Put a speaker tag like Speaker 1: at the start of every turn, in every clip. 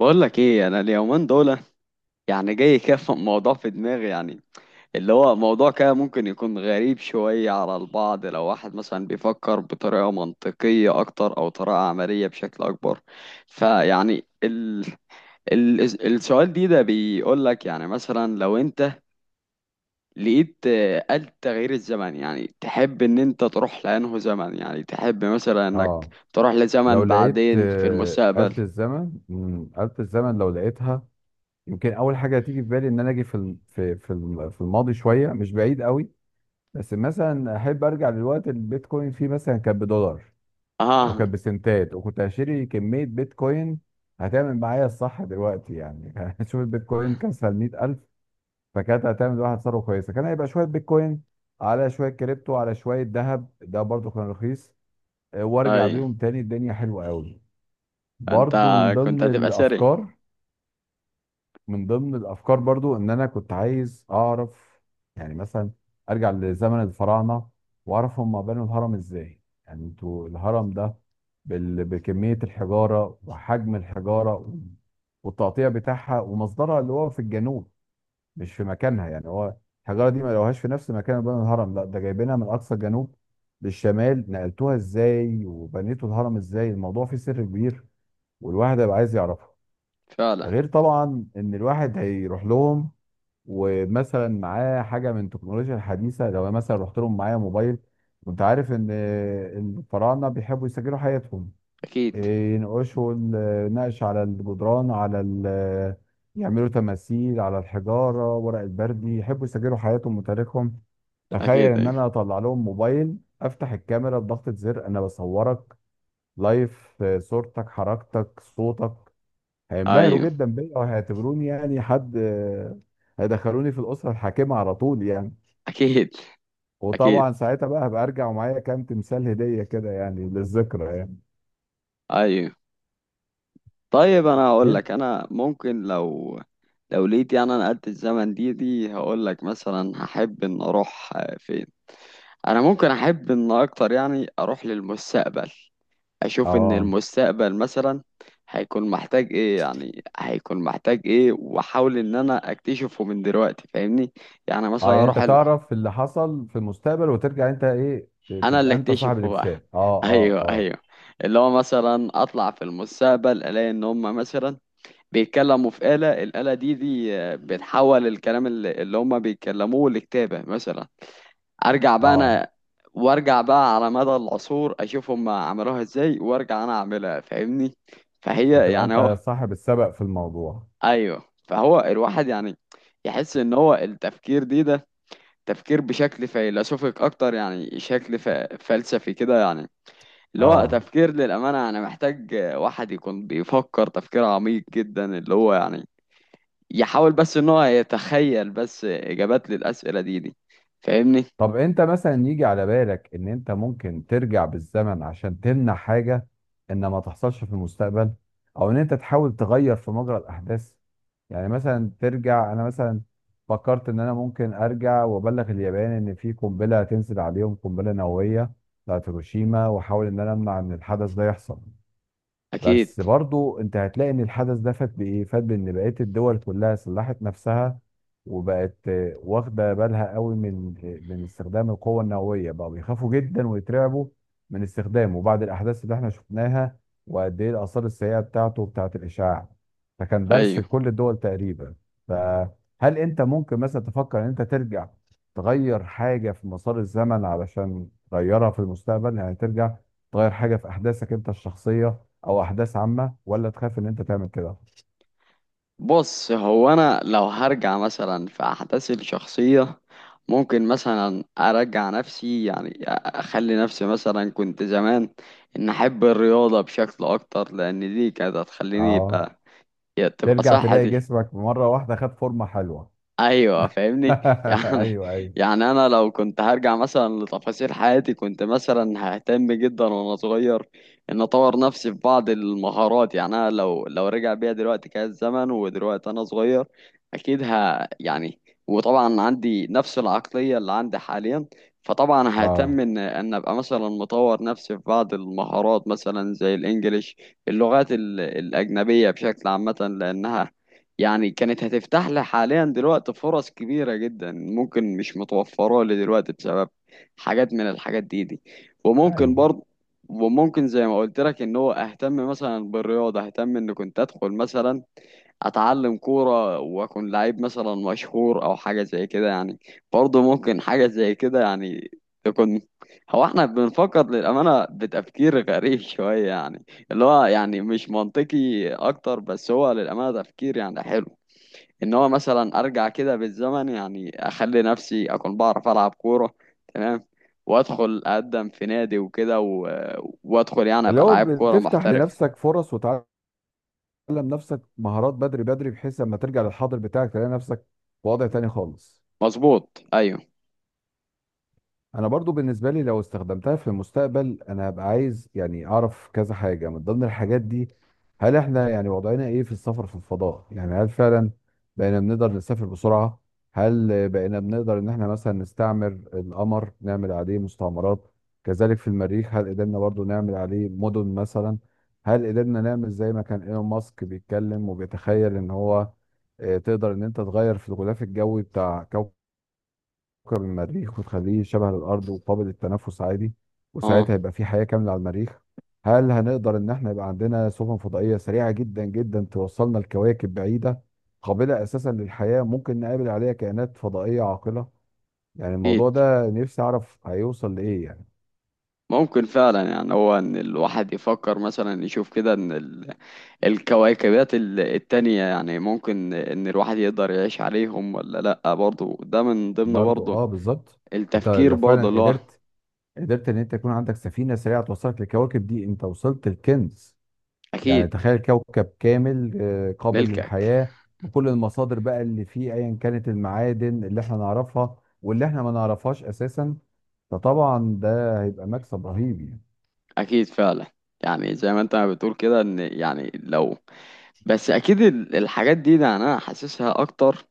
Speaker 1: بقول لك ايه؟ انا اليومين دول يعني جاي كده في موضوع في دماغي، يعني اللي هو موضوع كده ممكن يكون غريب شوية على البعض، لو واحد مثلا بيفكر بطريقة منطقية اكتر او طريقة عملية بشكل اكبر. فيعني ال... السؤال ده بيقول لك يعني مثلا لو انت لقيت آلة تغيير الزمن، يعني تحب ان انت تروح لانه زمن، يعني تحب مثلا انك
Speaker 2: اه.
Speaker 1: تروح
Speaker 2: لو
Speaker 1: لزمن
Speaker 2: لقيت
Speaker 1: بعدين في المستقبل.
Speaker 2: آلة الزمن، آلة الزمن لو لقيتها يمكن أول حاجة هتيجي في بالي إن أنا أجي في في الماضي شوية، مش بعيد قوي. بس مثلا أحب أرجع للوقت اللي البيتكوين فيه مثلا كان بدولار أو
Speaker 1: اه.
Speaker 2: كان بسنتات، وكنت هشتري كمية بيتكوين هتعمل معايا الصح دلوقتي يعني. شوف البيتكوين كان سال 100,000، فكانت هتعمل واحد ثروة كويسة. كان هيبقى شوية بيتكوين على شوية كريبتو على شوية ذهب، ده برضو كان رخيص. وارجع
Speaker 1: اي.
Speaker 2: بيهم تاني، الدنيا حلوة قوي.
Speaker 1: انت
Speaker 2: برضو من
Speaker 1: كنت
Speaker 2: ضمن
Speaker 1: هتبقى سري.
Speaker 2: الافكار. من ضمن الافكار برضو ان انا كنت عايز اعرف يعني مثلا ارجع لزمن الفراعنه واعرف هم بنوا الهرم ازاي. يعني انتوا الهرم ده بكميه الحجاره وحجم الحجاره والتقطيع بتاعها ومصدرها اللي هو في الجنوب، مش في مكانها. يعني هو الحجاره دي ما لقوهاش في نفس مكان بنوا الهرم، لا ده جايبينها من اقصى الجنوب للشمال. نقلتوها ازاي وبنيتوا الهرم ازاي؟ الموضوع فيه سر كبير والواحد هيبقى عايز يعرفه. ده
Speaker 1: فعلا.
Speaker 2: غير طبعا ان الواحد هيروح لهم ومثلا معاه حاجه من التكنولوجيا الحديثه. لو أنا مثلا رحت لهم معايا موبايل، وانت عارف ان الفراعنه بيحبوا يسجلوا حياتهم،
Speaker 1: اكيد،
Speaker 2: إيه، ينقشوا نقش على الجدران، على يعملوا تماثيل على الحجاره، ورق البردي، يحبوا يسجلوا حياتهم وتاريخهم. تخيل
Speaker 1: اكيد.
Speaker 2: ان
Speaker 1: ايوه،
Speaker 2: انا اطلع لهم موبايل افتح الكاميرا، بضغطه زر انا بصورك لايف، صورتك حركتك صوتك. هينبهروا
Speaker 1: ايوه.
Speaker 2: جدا بيا وهيعتبروني يعني حد هيدخلوني في الأسرة الحاكمة على طول يعني.
Speaker 1: اكيد، اكيد.
Speaker 2: وطبعا ساعتها بقى هبقى ارجع ومعايا كام تمثال هدية كده، يعني للذكرى يعني.
Speaker 1: ايوه. طيب انا هقول
Speaker 2: انت
Speaker 1: لك، انا ممكن لو لقيت يعني انا قد الزمن دي هقول لك مثلا هحب ان اروح فين. انا ممكن احب ان اكتر يعني اروح للمستقبل، اشوف ان
Speaker 2: اه.
Speaker 1: المستقبل مثلا هيكون محتاج ايه، يعني هيكون محتاج ايه واحاول ان انا اكتشفه من دلوقتي، فاهمني؟ يعني
Speaker 2: اه،
Speaker 1: مثلا
Speaker 2: يعني
Speaker 1: اروح
Speaker 2: انت تعرف اللي حصل في المستقبل وترجع انت ايه،
Speaker 1: انا اللي
Speaker 2: تبقى انت صاحب
Speaker 1: اكتشفه بقى.
Speaker 2: الاكتشاف. اه اه
Speaker 1: ايوه،
Speaker 2: اه
Speaker 1: ايوه. اللي هو مثلا اطلع في المستقبل الاقي ان هم مثلا بيتكلموا في الآلة دي بتحول الكلام اللي هم بيتكلموه لكتابة مثلا. ارجع بقى
Speaker 2: اه،
Speaker 1: انا، وارجع بقى على مدى العصور اشوف هم عملوها ازاي، وارجع انا اعملها، فاهمني؟ فهي
Speaker 2: هتبقى
Speaker 1: يعني
Speaker 2: انت
Speaker 1: هو،
Speaker 2: صاحب السبق في الموضوع.
Speaker 1: ايوه. فهو الواحد يعني يحس ان هو التفكير ده تفكير بشكل فيلسوفيك اكتر، يعني شكل فلسفي كده يعني. اللي هو
Speaker 2: اه.
Speaker 1: تفكير، للأمانة أنا محتاج واحد يكون بيفكر تفكير عميق جدا، اللي هو يعني يحاول بس إن هو يتخيل بس إجابات للأسئلة دي، فاهمني؟
Speaker 2: طب انت مثلا يجي على بالك ان انت ممكن ترجع بالزمن عشان تمنع حاجة ان ما تحصلش في المستقبل، او ان انت تحاول تغير في مجرى الاحداث؟ يعني مثلا ترجع، انا مثلا فكرت ان انا ممكن ارجع وابلغ اليابان ان في قنبلة هتنزل عليهم، قنبلة نووية بتاعت هيروشيما، واحاول ان انا امنع ان الحدث ده يحصل. بس
Speaker 1: أكيد.
Speaker 2: برضو انت هتلاقي ان الحدث ده فات. بايه فات؟ بان بقيه الدول كلها سلحت نفسها وبقت واخده بالها قوي من من استخدام القوه النوويه، بقوا بيخافوا جدا ويترعبوا من استخدامه بعد الاحداث اللي احنا شفناها وقد ايه الاثار السيئه بتاعته وبتاعت الاشعاع. فكان درس
Speaker 1: أيوه.
Speaker 2: لكل الدول تقريبا. فهل انت ممكن مثلا تفكر ان انت ترجع تغير حاجه في مسار الزمن علشان تغيرها في المستقبل؟ يعني ترجع تغير حاجه في احداثك انت الشخصيه او احداث عامه، ولا تخاف ان انت تعمل كده؟
Speaker 1: بص، هو أنا لو هرجع مثلا في أحداث الشخصية ممكن مثلا أرجع نفسي، يعني أخلي نفسي مثلا كنت زمان، إن أحب الرياضة بشكل أكتر، لأن دي كانت هتخليني
Speaker 2: اه.
Speaker 1: تبقى
Speaker 2: ترجع تلاقي
Speaker 1: صحتي.
Speaker 2: جسمك مره واحده خد فورمه حلوه.
Speaker 1: ايوه، فاهمني؟ يعني
Speaker 2: ايوه.
Speaker 1: يعني انا لو كنت هرجع مثلا لتفاصيل حياتي كنت مثلا ههتم جدا وانا صغير ان اطور نفسي في بعض المهارات. يعني انا لو رجع بيا دلوقتي كان الزمن ودلوقتي انا صغير، اكيد يعني، وطبعا عندي نفس العقلية اللي عندي حاليا، فطبعا
Speaker 2: اه.
Speaker 1: ههتم ان ان ابقى مثلا مطور نفسي في بعض المهارات، مثلا زي الانجليش، اللغات الاجنبية بشكل عامة، لانها يعني كانت هتفتح لي حاليا دلوقتي فرص كبيرة جدا ممكن مش متوفرة لي دلوقتي بسبب حاجات من الحاجات دي. وممكن
Speaker 2: ايوه.
Speaker 1: برضه، وممكن زي ما قلت لك ان هو اهتم مثلا بالرياضة، اهتم ان كنت ادخل مثلا اتعلم كورة واكون لعيب مثلا مشهور او حاجة زي كده يعني. برضه ممكن حاجة زي كده يعني تكون. هو احنا بنفكر للأمانة بتفكير غريب شوية، يعني اللي هو يعني مش منطقي اكتر، بس هو للأمانة تفكير يعني حلو، ان هو مثلا ارجع كده بالزمن يعني اخلي نفسي اكون بعرف العب كوره. تمام. وادخل اقدم في نادي وكده وادخل يعني
Speaker 2: اللي
Speaker 1: ابقى
Speaker 2: هو
Speaker 1: لعيب كوره
Speaker 2: بتفتح
Speaker 1: محترف.
Speaker 2: لنفسك فرص وتعلم نفسك مهارات بدري بدري، بحيث لما ترجع للحاضر بتاعك تلاقي نفسك في وضع تاني خالص.
Speaker 1: مظبوط. ايوه.
Speaker 2: انا برضو بالنسبه لي لو استخدمتها في المستقبل انا هبقى عايز يعني اعرف كذا حاجه من ضمن الحاجات دي. هل احنا يعني وضعنا ايه في السفر في الفضاء؟ يعني هل فعلا بقينا بنقدر نسافر بسرعه؟ هل بقينا بنقدر ان احنا مثلا نستعمر القمر نعمل عليه مستعمرات؟ كذلك في المريخ، هل قدرنا برضو نعمل عليه مدن مثلا؟ هل قدرنا نعمل زي ما كان ايلون ماسك بيتكلم وبيتخيل ان هو تقدر ان انت تغير في الغلاف الجوي بتاع كوكب، كوكب المريخ وتخليه شبه الأرض وقابل للتنفس عادي، وساعتها
Speaker 1: اه.
Speaker 2: يبقى في حياة كاملة على المريخ؟ هل هنقدر إن احنا يبقى عندنا سفن فضائية سريعة جدا جدا توصلنا لكواكب بعيدة قابلة أساسا للحياة، ممكن نقابل عليها كائنات فضائية عاقلة؟ يعني الموضوع
Speaker 1: اكيد.
Speaker 2: ده نفسي أعرف هيوصل لإيه يعني.
Speaker 1: ممكن فعلا يعني هو ان الواحد يفكر مثلا يشوف كده ان الكواكبات التانية، يعني ممكن ان الواحد يقدر يعيش عليهم ولا لا، برضه ده من ضمن،
Speaker 2: برضو
Speaker 1: برضه
Speaker 2: اه، بالظبط. انت
Speaker 1: التفكير
Speaker 2: لو
Speaker 1: برضه
Speaker 2: فعلا
Speaker 1: اللي هو.
Speaker 2: قدرت، قدرت ان انت يكون عندك سفينه سريعه توصلك للكواكب دي، انت وصلت الكنز. يعني
Speaker 1: اكيد.
Speaker 2: تخيل كوكب كامل قابل
Speaker 1: ملكك.
Speaker 2: للحياة بكل المصادر بقى اللي فيه، ايا كانت المعادن اللي احنا نعرفها واللي احنا ما نعرفهاش اساسا. فطبعا ده هيبقى مكسب رهيب يعني.
Speaker 1: اكيد فعلا. يعني زي ما انت ما بتقول كده ان يعني لو، بس اكيد الحاجات ده انا حاسسها اكتر،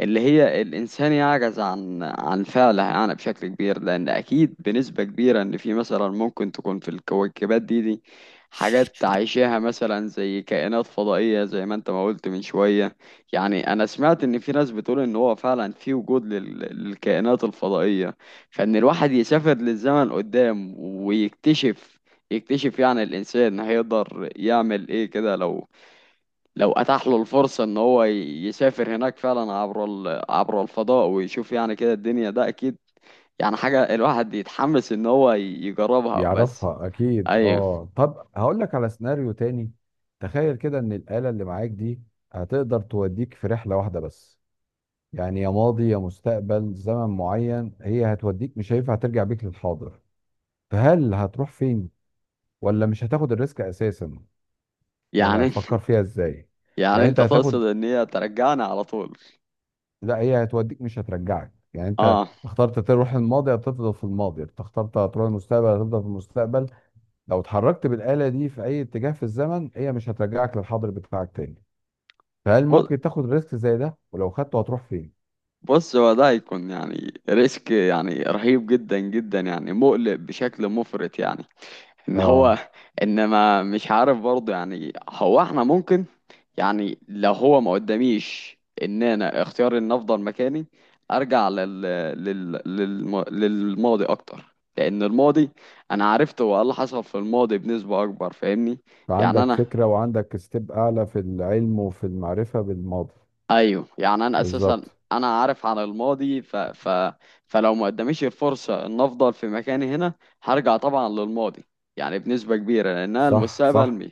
Speaker 1: اللي هي الإنسان يعجز عن فعلها يعني بشكل كبير، لأن أكيد بنسبة كبيرة إن في مثلا ممكن تكون في الكويكبات دي حاجات عايشاها، مثلا زي كائنات فضائية زي ما أنت ما قلت من شوية. يعني أنا سمعت إن في ناس بتقول إن هو فعلا في وجود للكائنات الفضائية. فإن الواحد يسافر للزمن قدام ويكتشف، يكتشف يعني الإنسان هيقدر يعمل إيه كده لو اتاح له الفرصة ان هو يسافر هناك فعلا عبر عبر الفضاء ويشوف يعني كده الدنيا ده اكيد، يعني حاجة الواحد يتحمس ان هو يجربها بس.
Speaker 2: بيعرفها اكيد.
Speaker 1: ايوه
Speaker 2: اه، طب هقول لك على سيناريو تاني. تخيل كده ان الآلة اللي معاك دي هتقدر توديك في رحلة واحدة بس، يعني يا ماضي يا مستقبل، زمن معين هي هتوديك، مش هينفع ترجع بيك للحاضر. فهل هتروح فين، ولا مش هتاخد الريسك اساسا؟ يعني
Speaker 1: يعني.
Speaker 2: هتفكر فيها ازاي؟
Speaker 1: يعني
Speaker 2: يعني
Speaker 1: انت
Speaker 2: انت
Speaker 1: تقصد
Speaker 2: هتاخد،
Speaker 1: ان هي ترجعني على طول؟
Speaker 2: لا هي هتوديك مش هترجعك. يعني انت
Speaker 1: اه.
Speaker 2: اخترت تروح الماضي هتفضل في الماضي، انت اخترت هتروح المستقبل هتفضل في المستقبل. لو اتحركت بالآلة دي في اي اتجاه في الزمن، هي مش هترجعك للحاضر بتاعك تاني. فهل
Speaker 1: ب-
Speaker 2: ممكن تاخد ريسك زي ده، ولو خدته هتروح فين؟
Speaker 1: بص، هو ده هيكون يعني ريسك يعني رهيب جدا جدا، يعني مقلق بشكل مفرط يعني، ان
Speaker 2: اه،
Speaker 1: هو، ان ما مش عارف برضه يعني، هو احنا ممكن يعني لو هو ما قداميش، ان انا اختيار ان افضل مكاني، ارجع للماضي اكتر، لان الماضي انا عرفت هو إيه اللي حصل في الماضي بنسبة اكبر، فاهمني؟ يعني
Speaker 2: فعندك
Speaker 1: انا،
Speaker 2: فكرة وعندك ستيب اعلى في العلم وفي المعرفة بالماضي.
Speaker 1: ايوه، يعني انا اساسا
Speaker 2: بالظبط.
Speaker 1: انا عارف عن الماضي فلو ما قداميش الفرصه ان افضل في مكاني هنا، هرجع طبعا للماضي يعني بنسبه كبيره، لانها
Speaker 2: صح
Speaker 1: المستقبل
Speaker 2: صح.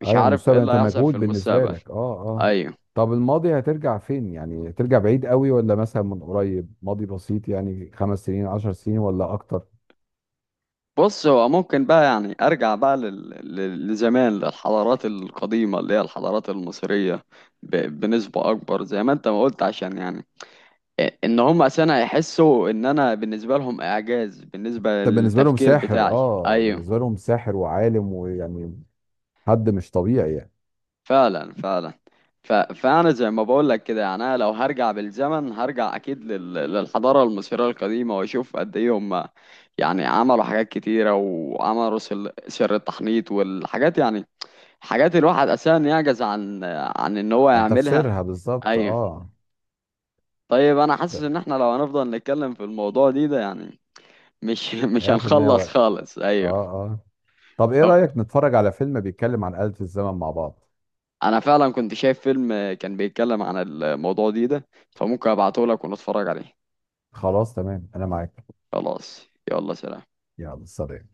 Speaker 1: مش
Speaker 2: ايوه،
Speaker 1: عارف ايه
Speaker 2: المستقبل
Speaker 1: اللي
Speaker 2: انت
Speaker 1: هيحصل في
Speaker 2: مجهول بالنسبه
Speaker 1: المستقبل.
Speaker 2: لك. اه. اه.
Speaker 1: ايوه.
Speaker 2: طب الماضي هترجع فين؟ يعني هترجع بعيد قوي ولا مثلا من قريب، ماضي بسيط يعني 5 سنين 10 سنين ولا اكتر؟
Speaker 1: بص، هو ممكن بقى يعني ارجع بقى لزمان للحضارات القديمه، اللي هي الحضارات المصريه، بنسبه اكبر، زي ما انت ما قلت، عشان يعني ان هم اساسا هيحسوا ان انا بالنسبه لهم اعجاز، بالنسبه
Speaker 2: طب بالنسبه لهم
Speaker 1: للتفكير
Speaker 2: ساحر.
Speaker 1: بتاعي.
Speaker 2: اه،
Speaker 1: ايوه،
Speaker 2: بالنسبه لهم ساحر وعالم ويعني حد مش طبيعي يعني.
Speaker 1: فعلا، فعلا. فانا زي ما بقول لك كده يعني، انا لو هرجع بالزمن هرجع اكيد للحضاره المصريه القديمه، واشوف قد ايه هم يعني عملوا حاجات كتيره، وعملوا سر التحنيط والحاجات، يعني حاجات الواحد اساسا يعجز عن ان هو
Speaker 2: انت في
Speaker 1: يعملها.
Speaker 2: سرها بالظبط.
Speaker 1: ايوه.
Speaker 2: اه.
Speaker 1: طيب، انا حاسس
Speaker 2: ت-
Speaker 1: ان احنا لو هنفضل نتكلم في الموضوع ده يعني مش مش
Speaker 2: هياخد معايا
Speaker 1: هنخلص
Speaker 2: وقت.
Speaker 1: خالص. ايوه.
Speaker 2: اه اه. طب ايه
Speaker 1: طب
Speaker 2: رايك نتفرج على فيلم بيتكلم عن آلة الزمن مع بعض؟
Speaker 1: انا فعلا كنت شايف فيلم كان بيتكلم عن الموضوع ده، فممكن ابعته لك ونتفرج عليه.
Speaker 2: خلاص تمام انا معاك.
Speaker 1: خلاص. يلا، سلام.
Speaker 2: يلا سلام.